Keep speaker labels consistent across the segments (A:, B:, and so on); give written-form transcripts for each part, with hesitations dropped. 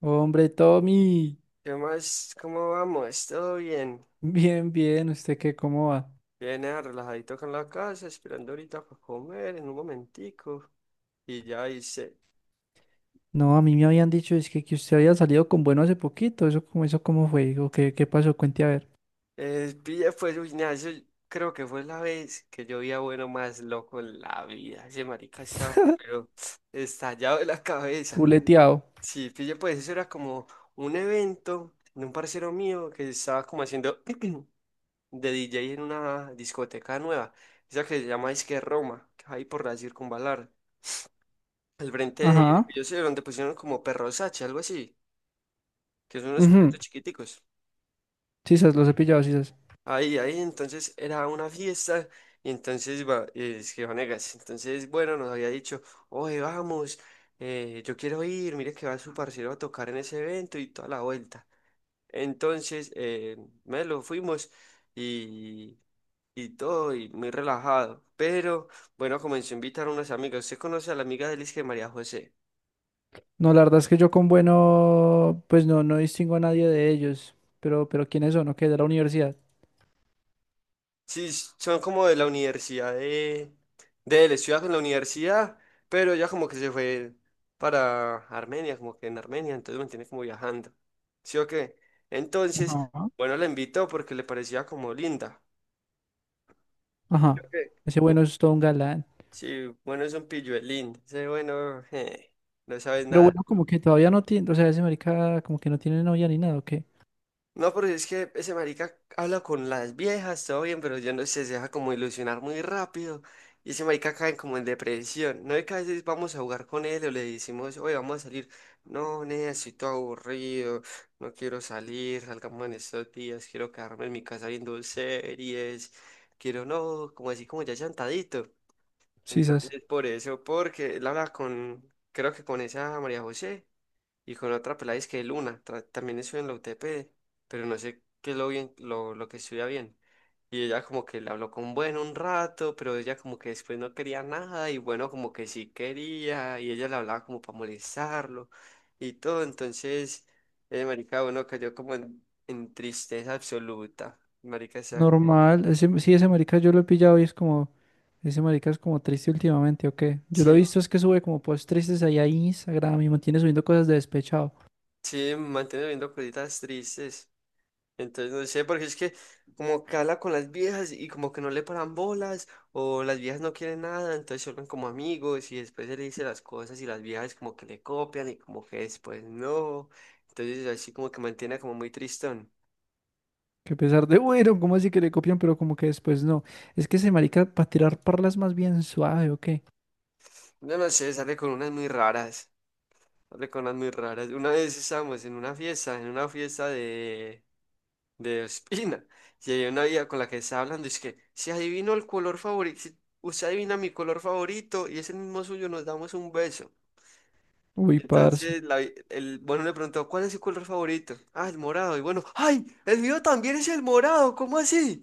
A: Hombre, Tommy,
B: ¿Qué más? ¿Cómo vamos? ¿Todo bien?
A: bien, bien, ¿usted qué, cómo va?
B: Bien, relajadito acá en la casa, esperando ahorita para comer en un momentico. Y ya hice.
A: No, a mí me habían dicho, que usted había salido con bueno hace poquito, eso, eso cómo fue, o qué, qué pasó, cuente a ver.
B: Pille, pues, uy, nea, eso creo que fue la vez que yo vi a Bueno más loco en la vida. Ese marica estaba, pero estallado de la cabeza.
A: Fuleteado.
B: Sí, pille, pues, eso era como un evento de un parcero mío que estaba como haciendo de DJ en una discoteca nueva. Esa que se llama Disque Roma, que hay por la Circunvalar. Al frente de,
A: Ajá.
B: yo sé, donde pusieron como perros Sachi, algo así, que son unos
A: Ujú.
B: perritos chiquiticos.
A: Sí, sas, los he pillado, sí, sas.
B: Ahí, entonces era una fiesta, y entonces va, es que Vanegas, entonces, bueno, nos había dicho, oye, vamos, yo quiero ir, mire que va su parcero a tocar en ese evento y toda la vuelta. Entonces, me lo fuimos y, y todo, y muy relajado. Pero, bueno, comenzó a invitar a unas amigas. ¿Usted conoce a la amiga de Liz que María José?
A: No, la verdad es que yo con bueno, pues no, no distingo a nadie de ellos, pero ¿quiénes son? ¿O qué? De la universidad.
B: Sí, son como de la universidad de él, estudia con la universidad, pero ella como que se fue para Armenia, como que en Armenia, entonces mantiene como viajando. ¿Sí o qué? Entonces,
A: Ajá.
B: bueno, la invitó porque le parecía como linda.
A: Ajá.
B: Ok.
A: Ese bueno es todo un galán.
B: Sí, bueno, es un pilluelín. Dice, bueno, no sabes
A: Pero
B: nada.
A: bueno, como que todavía no tiene, o sea, ese marica como que no tiene novia ni nada, ¿o qué?
B: No, pero es que ese marica habla con las viejas, todo bien, pero yo no sé, se deja como ilusionar muy rápido. Y ese marica cae como en depresión. No es que a veces vamos a jugar con él o le decimos, oye, vamos a salir. No, nena, estoy todo aburrido, no quiero salir, salgamos en estos días, quiero quedarme en mi casa viendo series, quiero no, como así como ya llantadito.
A: Sí, sas.
B: Entonces, por eso, porque él habla con, creo que con esa María José y con otra pelada es que Luna, tra- también estudia en la UTP, pero no sé qué es lo bien, lo que estudia bien. Y ella como que le habló con Bueno un rato, pero ella como que después no quería nada y Bueno como que sí quería y ella le hablaba como para molestarlo y todo. Entonces, marica, bueno, cayó como en tristeza absoluta. Marica, o sea,
A: Normal, ese marica yo lo he pillado y es como, ese marica es como triste últimamente, ¿o qué? Yo lo he
B: sí,
A: visto es que sube como posts tristes ahí a Instagram y mantiene subiendo cosas de despechado.
B: sí, mantiene viendo cositas tristes. Entonces no sé, porque es que como que habla con las viejas y como que no le paran bolas o las viejas no quieren nada, entonces se vuelven como amigos y después él le dice las cosas y las viejas como que le copian y como que después no. Entonces así como que mantiene como muy tristón.
A: Que a pesar de, bueno, ¿cómo así que le copian? Pero como que después no. Es que ese marica para tirar parlas más bien suave, ¿o qué?
B: No, no sé, sale con unas muy raras, sale con unas muy raras. Una vez estábamos en una fiesta de Ospina y había una vieja con la que estaba hablando y es que si adivino el color favorito. Si usted adivina mi color favorito y es el mismo suyo, nos damos un beso.
A: Uy, parce.
B: Entonces, la vi- el, bueno, le preguntó, ¿cuál es su color favorito? Ah, el morado. Y bueno, ¡ay! El mío también es el morado, ¿cómo así?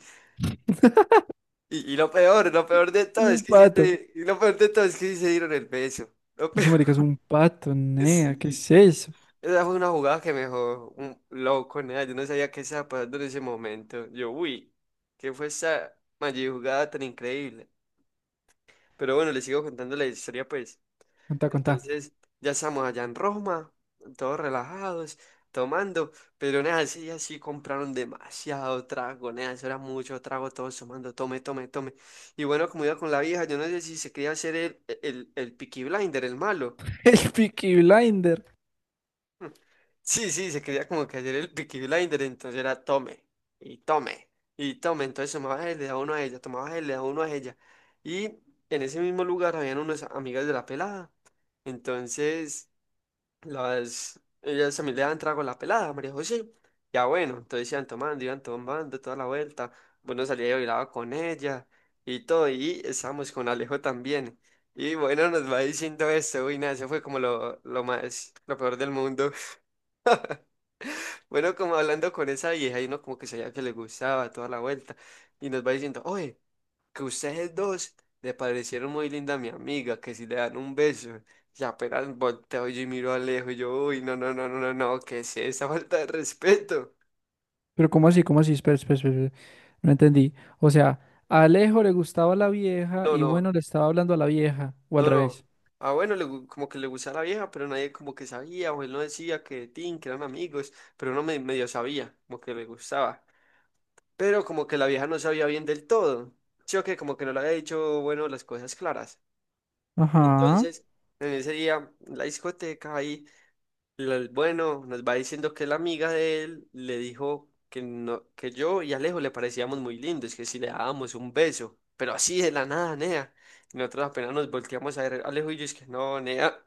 B: Y lo peor de
A: Es
B: todo es
A: un
B: que sí
A: pato.
B: se, y lo peor de todo es que sí se dieron el beso. Lo peor,
A: Ese marica es un pato, nea, ¿qué
B: sí.
A: es eso?
B: Esa fue una jugada que me dejó un loco, nada. Yo no sabía qué estaba pasando en ese momento. Yo, uy, ¿qué fue esa mayor jugada tan increíble? Pero bueno, les sigo contando la historia, pues.
A: Contá, contá.
B: Entonces, ya estamos allá en Roma, todos relajados, tomando, pero nada, ese día sí compraron demasiado trago, nada, eso era mucho trago, todos tomando, tome, tome, tome. Y bueno, como iba con la vieja, yo no sé si se quería hacer el Peaky Blinder, el malo.
A: El Peaky Blinder.
B: Hmm. Sí, sí, se quería como que hacer el Peaky Blinder, entonces era tome, y tome, y tome, entonces tomaba él, le daba uno a ella, tomaba él, le daba uno a ella. Y en ese mismo lugar habían unas amigas de la pelada, entonces... Las, ellas se me le daban trago a la pelada, María José. Ya bueno, entonces iban tomando toda la vuelta. Bueno, salía y bailaba con ella y todo. Y estábamos con Alejo también. Y bueno, nos va diciendo esto. Uy, nada, eso fue como lo más, lo peor del mundo. Bueno, como hablando con esa vieja y uno como que sabía que le gustaba toda la vuelta. Y nos va diciendo, oye que ustedes dos le parecieron muy linda a mi amiga, que si le dan un beso, y apenas volteo y miro a lejos, y yo, uy, no, no, no, no, no, no, ¿qué es esa falta de respeto?
A: Pero ¿cómo así? ¿Cómo así? Espera, espera, espera, espera. No entendí. O sea, a Alejo le gustaba la vieja
B: No,
A: y
B: no,
A: bueno, le estaba hablando a la vieja, o al
B: no, no.
A: revés.
B: Ah, bueno, le gu- como que le gustaba la vieja, pero nadie como que sabía, o él no decía que Tin, que eran amigos, pero uno me- medio sabía, como que le gustaba. Pero como que la vieja no sabía bien del todo. Yo que como que no le había dicho, bueno, las cosas claras.
A: Ajá.
B: Entonces, en ese día, en la discoteca ahí. Lo- bueno, nos va diciendo que la amiga de él le dijo que, no, que yo y Alejo le parecíamos muy lindos, que si le dábamos un beso, pero así de la nada, nea. Y nosotros apenas nos volteamos a ver, Alejo y yo, es que no, nea,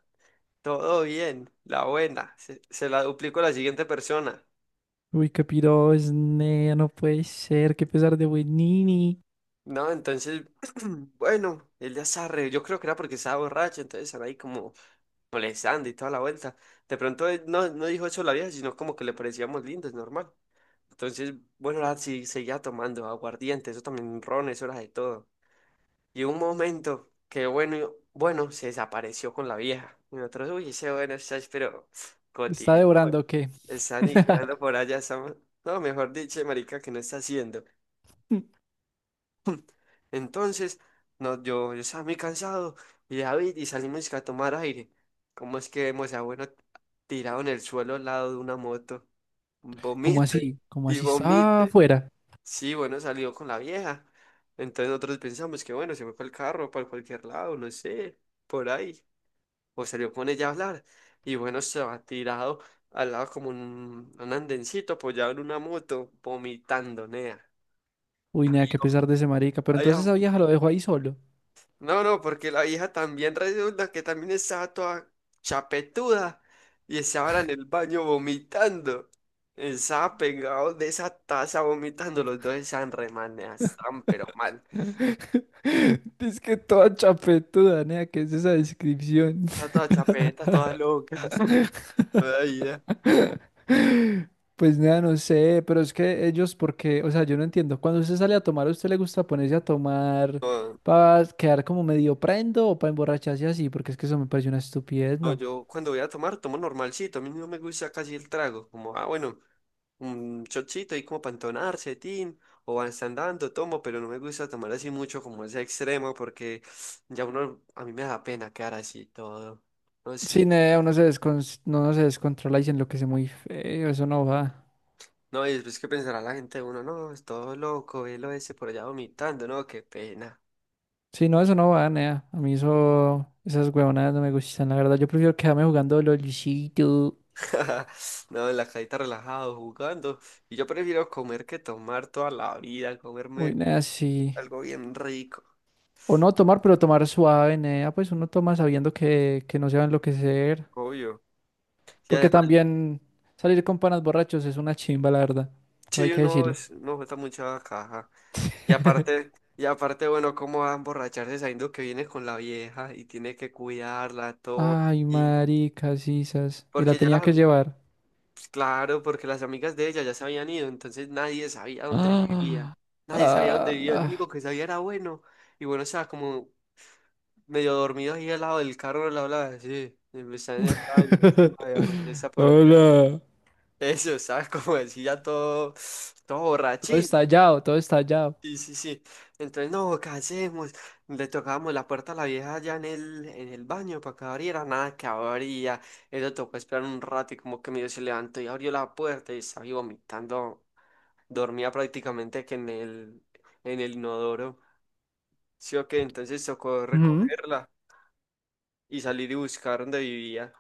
B: todo bien, la buena, se la duplicó a la siguiente persona.
A: Uy, qué piro es, nea, no puede ser, qué pesar de buenini.
B: No, entonces, bueno, él ya se arre, yo creo que era porque estaba borracho, entonces estaba ahí como molestando y toda la vuelta. De pronto él no, no dijo eso a la vieja, sino como que le parecíamos lindos, normal. Entonces, bueno, la, sí, seguía tomando aguardiente, eso también ron, eso era de todo. Y un momento que, bueno, yo- bueno, se desapareció con la vieja. Y nosotros, uy, ese bueno, estás, pero,
A: ¿Está
B: Coti,
A: devorando o qué?
B: está aniquilando por allá, está- no, mejor dicho, marica, que no está haciendo. Entonces, no, yo estaba muy cansado, y David, y salimos a tomar aire. ¿Cómo es que vemos a bueno tirado en el suelo al lado de una moto?
A: ¿Cómo
B: Vomite
A: así? ¿Cómo
B: y
A: así está
B: vomite.
A: afuera?
B: Sí, bueno, salió con la vieja. Entonces nosotros pensamos que bueno, se fue para el carro, para cualquier lado, no sé, por ahí. O salió con ella a hablar. Y bueno, se ha tirado al lado como un andencito apoyado en una moto, vomitando, nea.
A: Uy, nea, qué pesar de ese marica. Pero
B: Ay,
A: entonces
B: ah,
A: esa vieja lo dejó ahí solo.
B: no, no, porque la vieja también resulta que también estaba toda chapetuda y estaba en el baño vomitando. Estaba pegado de esa taza vomitando, los dos estaban re mal, nea, estaban pero mal.
A: Es que toda chapetuda, nea, ¿qué es esa descripción?
B: Está toda chapeta, todas locas. Ay, ya.
A: Pues nada, no sé, pero es que ellos, porque, o sea, yo no entiendo. Cuando usted sale a tomar, ¿a usted le gusta ponerse a tomar
B: No,
A: para quedar como medio prendo o para emborracharse así? Porque es que eso me parece una estupidez,
B: no,
A: ¿no?
B: yo cuando voy a tomar, tomo normalcito. A mí no me gusta casi el trago. Como, ah, bueno, un chochito ahí como para entonarse, tin. O van andando, tomo, pero no me gusta tomar así mucho como ese extremo porque ya uno, a mí me da pena quedar así todo. No
A: Sí,
B: sé.
A: nea, no, uno se descontrola y se enloquece muy feo, eso no va.
B: No, y después que pensará la gente, uno, no, es todo loco, velo ese por allá vomitando, no, qué pena.
A: Sí, no, eso no va, nea. A mí eso, esas huevonadas no me gustan, la verdad. Yo prefiero quedarme jugando LOLcito.
B: No, en la cajita relajado, jugando. Y yo prefiero comer que tomar toda la vida,
A: Uy,
B: comerme
A: nea, sí.
B: algo bien rico,
A: O no tomar, pero tomar suave, nea. Pues uno toma sabiendo que no se va a enloquecer.
B: obvio. Y
A: Porque
B: además,
A: también salir con panas borrachos es una chimba, la verdad. Todo hay
B: sí,
A: que
B: uno,
A: decirlo.
B: es- uno está mucha caja. Y aparte, bueno, cómo va a emborracharse sabiendo que viene con la vieja y tiene que cuidarla, todo.
A: Ay,
B: Y
A: maricas, sisas. Y la
B: porque ya
A: tenía
B: las,
A: que
B: am-
A: llevar.
B: pues, claro, porque las amigas de ella ya se habían ido, entonces nadie sabía dónde vivía.
A: ¡Ah!
B: Nadie sabía dónde vivía, el
A: Ah,
B: único que sabía era bueno. Y bueno, o sea, como medio dormido ahí al lado del carro, al lado de la habla así, y me está en el baño, así, viejo, que está por allá.
A: Hola.
B: Eso, ¿sabes? Como decía todo, todo
A: Todo
B: borrachín.
A: estallado, todo estallado.
B: Sí, sí, sí. Entonces, no, ¿qué hacemos? Le tocábamos la puerta a la vieja allá en el baño para que abriera, nada que abría. Eso tocó esperar un rato y como que medio se levantó y abrió la puerta y estaba ahí vomitando. Dormía prácticamente que en el inodoro. Sí, ok, entonces tocó
A: Ujú.
B: recogerla y salir y buscar dónde vivía.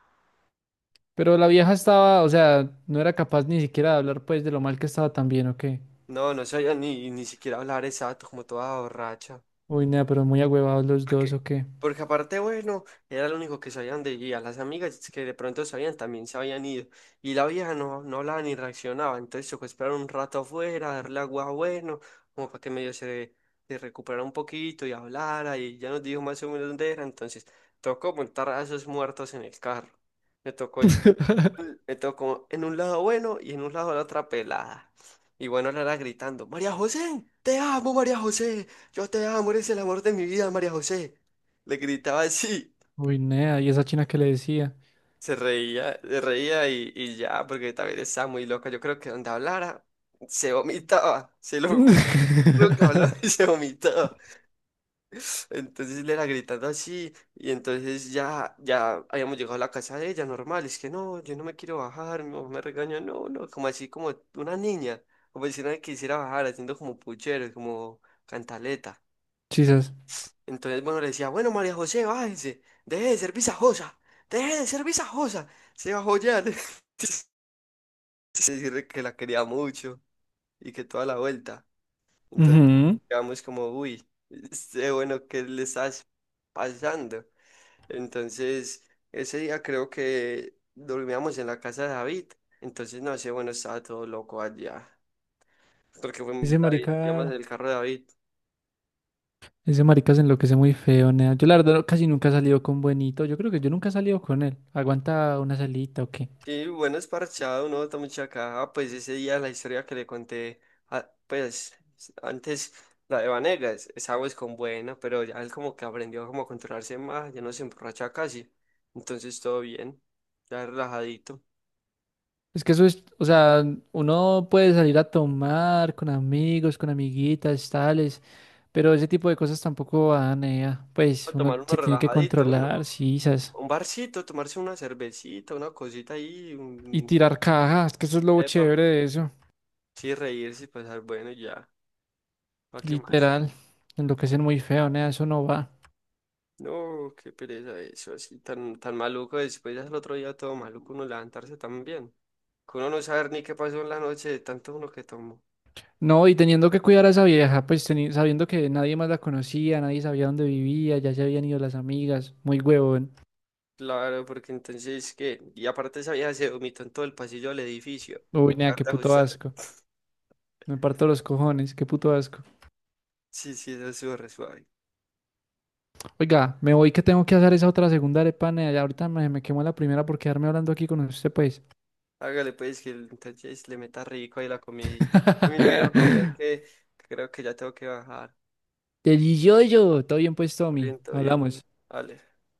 A: Pero la vieja estaba, o sea, no era capaz ni siquiera de hablar, pues, de lo mal que estaba también, ¿o qué?
B: No, no sabía ni siquiera hablar exacto, como toda borracha.
A: Uy, nea, pero muy agüevados los dos,
B: Porque,
A: ¿o qué?
B: porque aparte, bueno, era lo único que sabían de ella. Las amigas que de pronto sabían también se habían ido. Y la vieja no, no hablaba ni reaccionaba. Entonces tocó esperar un rato afuera, darle agua bueno, como para que medio se recuperara un poquito y hablara. Y ya nos dijo más o menos dónde era. Entonces tocó montar a esos muertos en el carro. Me tocó. Me tocó en un lado bueno y en un lado la otra pelada. Y bueno, la era gritando, María José, te amo, María José, yo te amo, eres el amor de mi vida, María José. Le gritaba así,
A: Uy, nea, y esa china que le decía.
B: se reía y ya, porque también estaba muy loca. Yo creo que donde hablara, se vomitaba, se lo juro que hablaba y se vomitaba. Entonces le era gritando así y entonces ya, ya habíamos llegado a la casa de ella, normal, es que no, yo no me quiero bajar, mi mamá me regaña no, no, como así como una niña, como si nadie quisiera bajar, haciendo como puchero, como cantaleta.
A: Chisas.
B: Entonces, bueno, le decía, bueno, María José, bájese, deje de ser visajosa, se bajó ya, le- decirle que la quería mucho y que toda la vuelta. Entonces, quedamos como, uy, este, bueno, ¿qué le estás pasando? Entonces, ese día creo que dormíamos en la casa de David. Entonces, no sé, bueno, estaba todo loco allá. Porque fue
A: Ese
B: David, digamos,
A: marica,
B: el carro de David.
A: ese marica se enloquece muy feo, nea. Yo la verdad no- casi nunca he salido con Buenito. Yo creo que yo nunca he salido con él. Aguanta una salita o qué.
B: Y bueno, es parchado, uno está mucha caja. Pues ese día la historia que le conté, a- pues antes, la de Vanegas, esa es con buena, pero ya él como que aprendió como a controlarse más, ya no se emborracha casi. Entonces, todo bien, ya relajadito.
A: Es que eso es, o sea, uno puede salir a tomar con amigos, con amiguitas, tales, pero ese tipo de cosas tampoco van, nea.
B: A
A: Pues uno
B: tomar uno
A: se tiene que
B: relajadito, ¿no?
A: controlar, sisas.
B: Un barcito, tomarse una cervecita, una cosita ahí,
A: Y
B: un...
A: tirar cajas, que eso es lo
B: Epa.
A: chévere de eso.
B: Sí, reírse y pasar bueno y ya. ¿Para qué más?
A: Literal. Enloquecen muy feo, nea, eso no va.
B: No, qué pereza eso, así tan, tan maluco. Después ya el otro día todo maluco uno levantarse también. Que uno no saber ni qué pasó en la noche de tanto uno que tomó.
A: No, y teniendo que cuidar a esa vieja, sabiendo que nadie más la conocía, nadie sabía dónde vivía, ya se habían ido las amigas, muy huevón.
B: Claro, porque entonces que... Y aparte esa vieja se vomitó en todo el pasillo del edificio.
A: Uy, nea,
B: Acá
A: qué
B: de
A: puto
B: ajustar.
A: asco. Me parto los cojones, qué puto asco.
B: Sí, sí, eso estuvo re suave.
A: Oiga, me voy que tengo que hacer esa otra segunda arepa, nea, ya ahorita me quemó la primera por quedarme hablando aquí con usted, pues.
B: Hágale pues que el- entonces le meta rico ahí la comidita. A mí me voy a ir a comer que creo que ya tengo que bajar.
A: Delicioso, todo bien pues, Tommy,
B: Bien, todo bien.
A: hablamos.
B: Vale.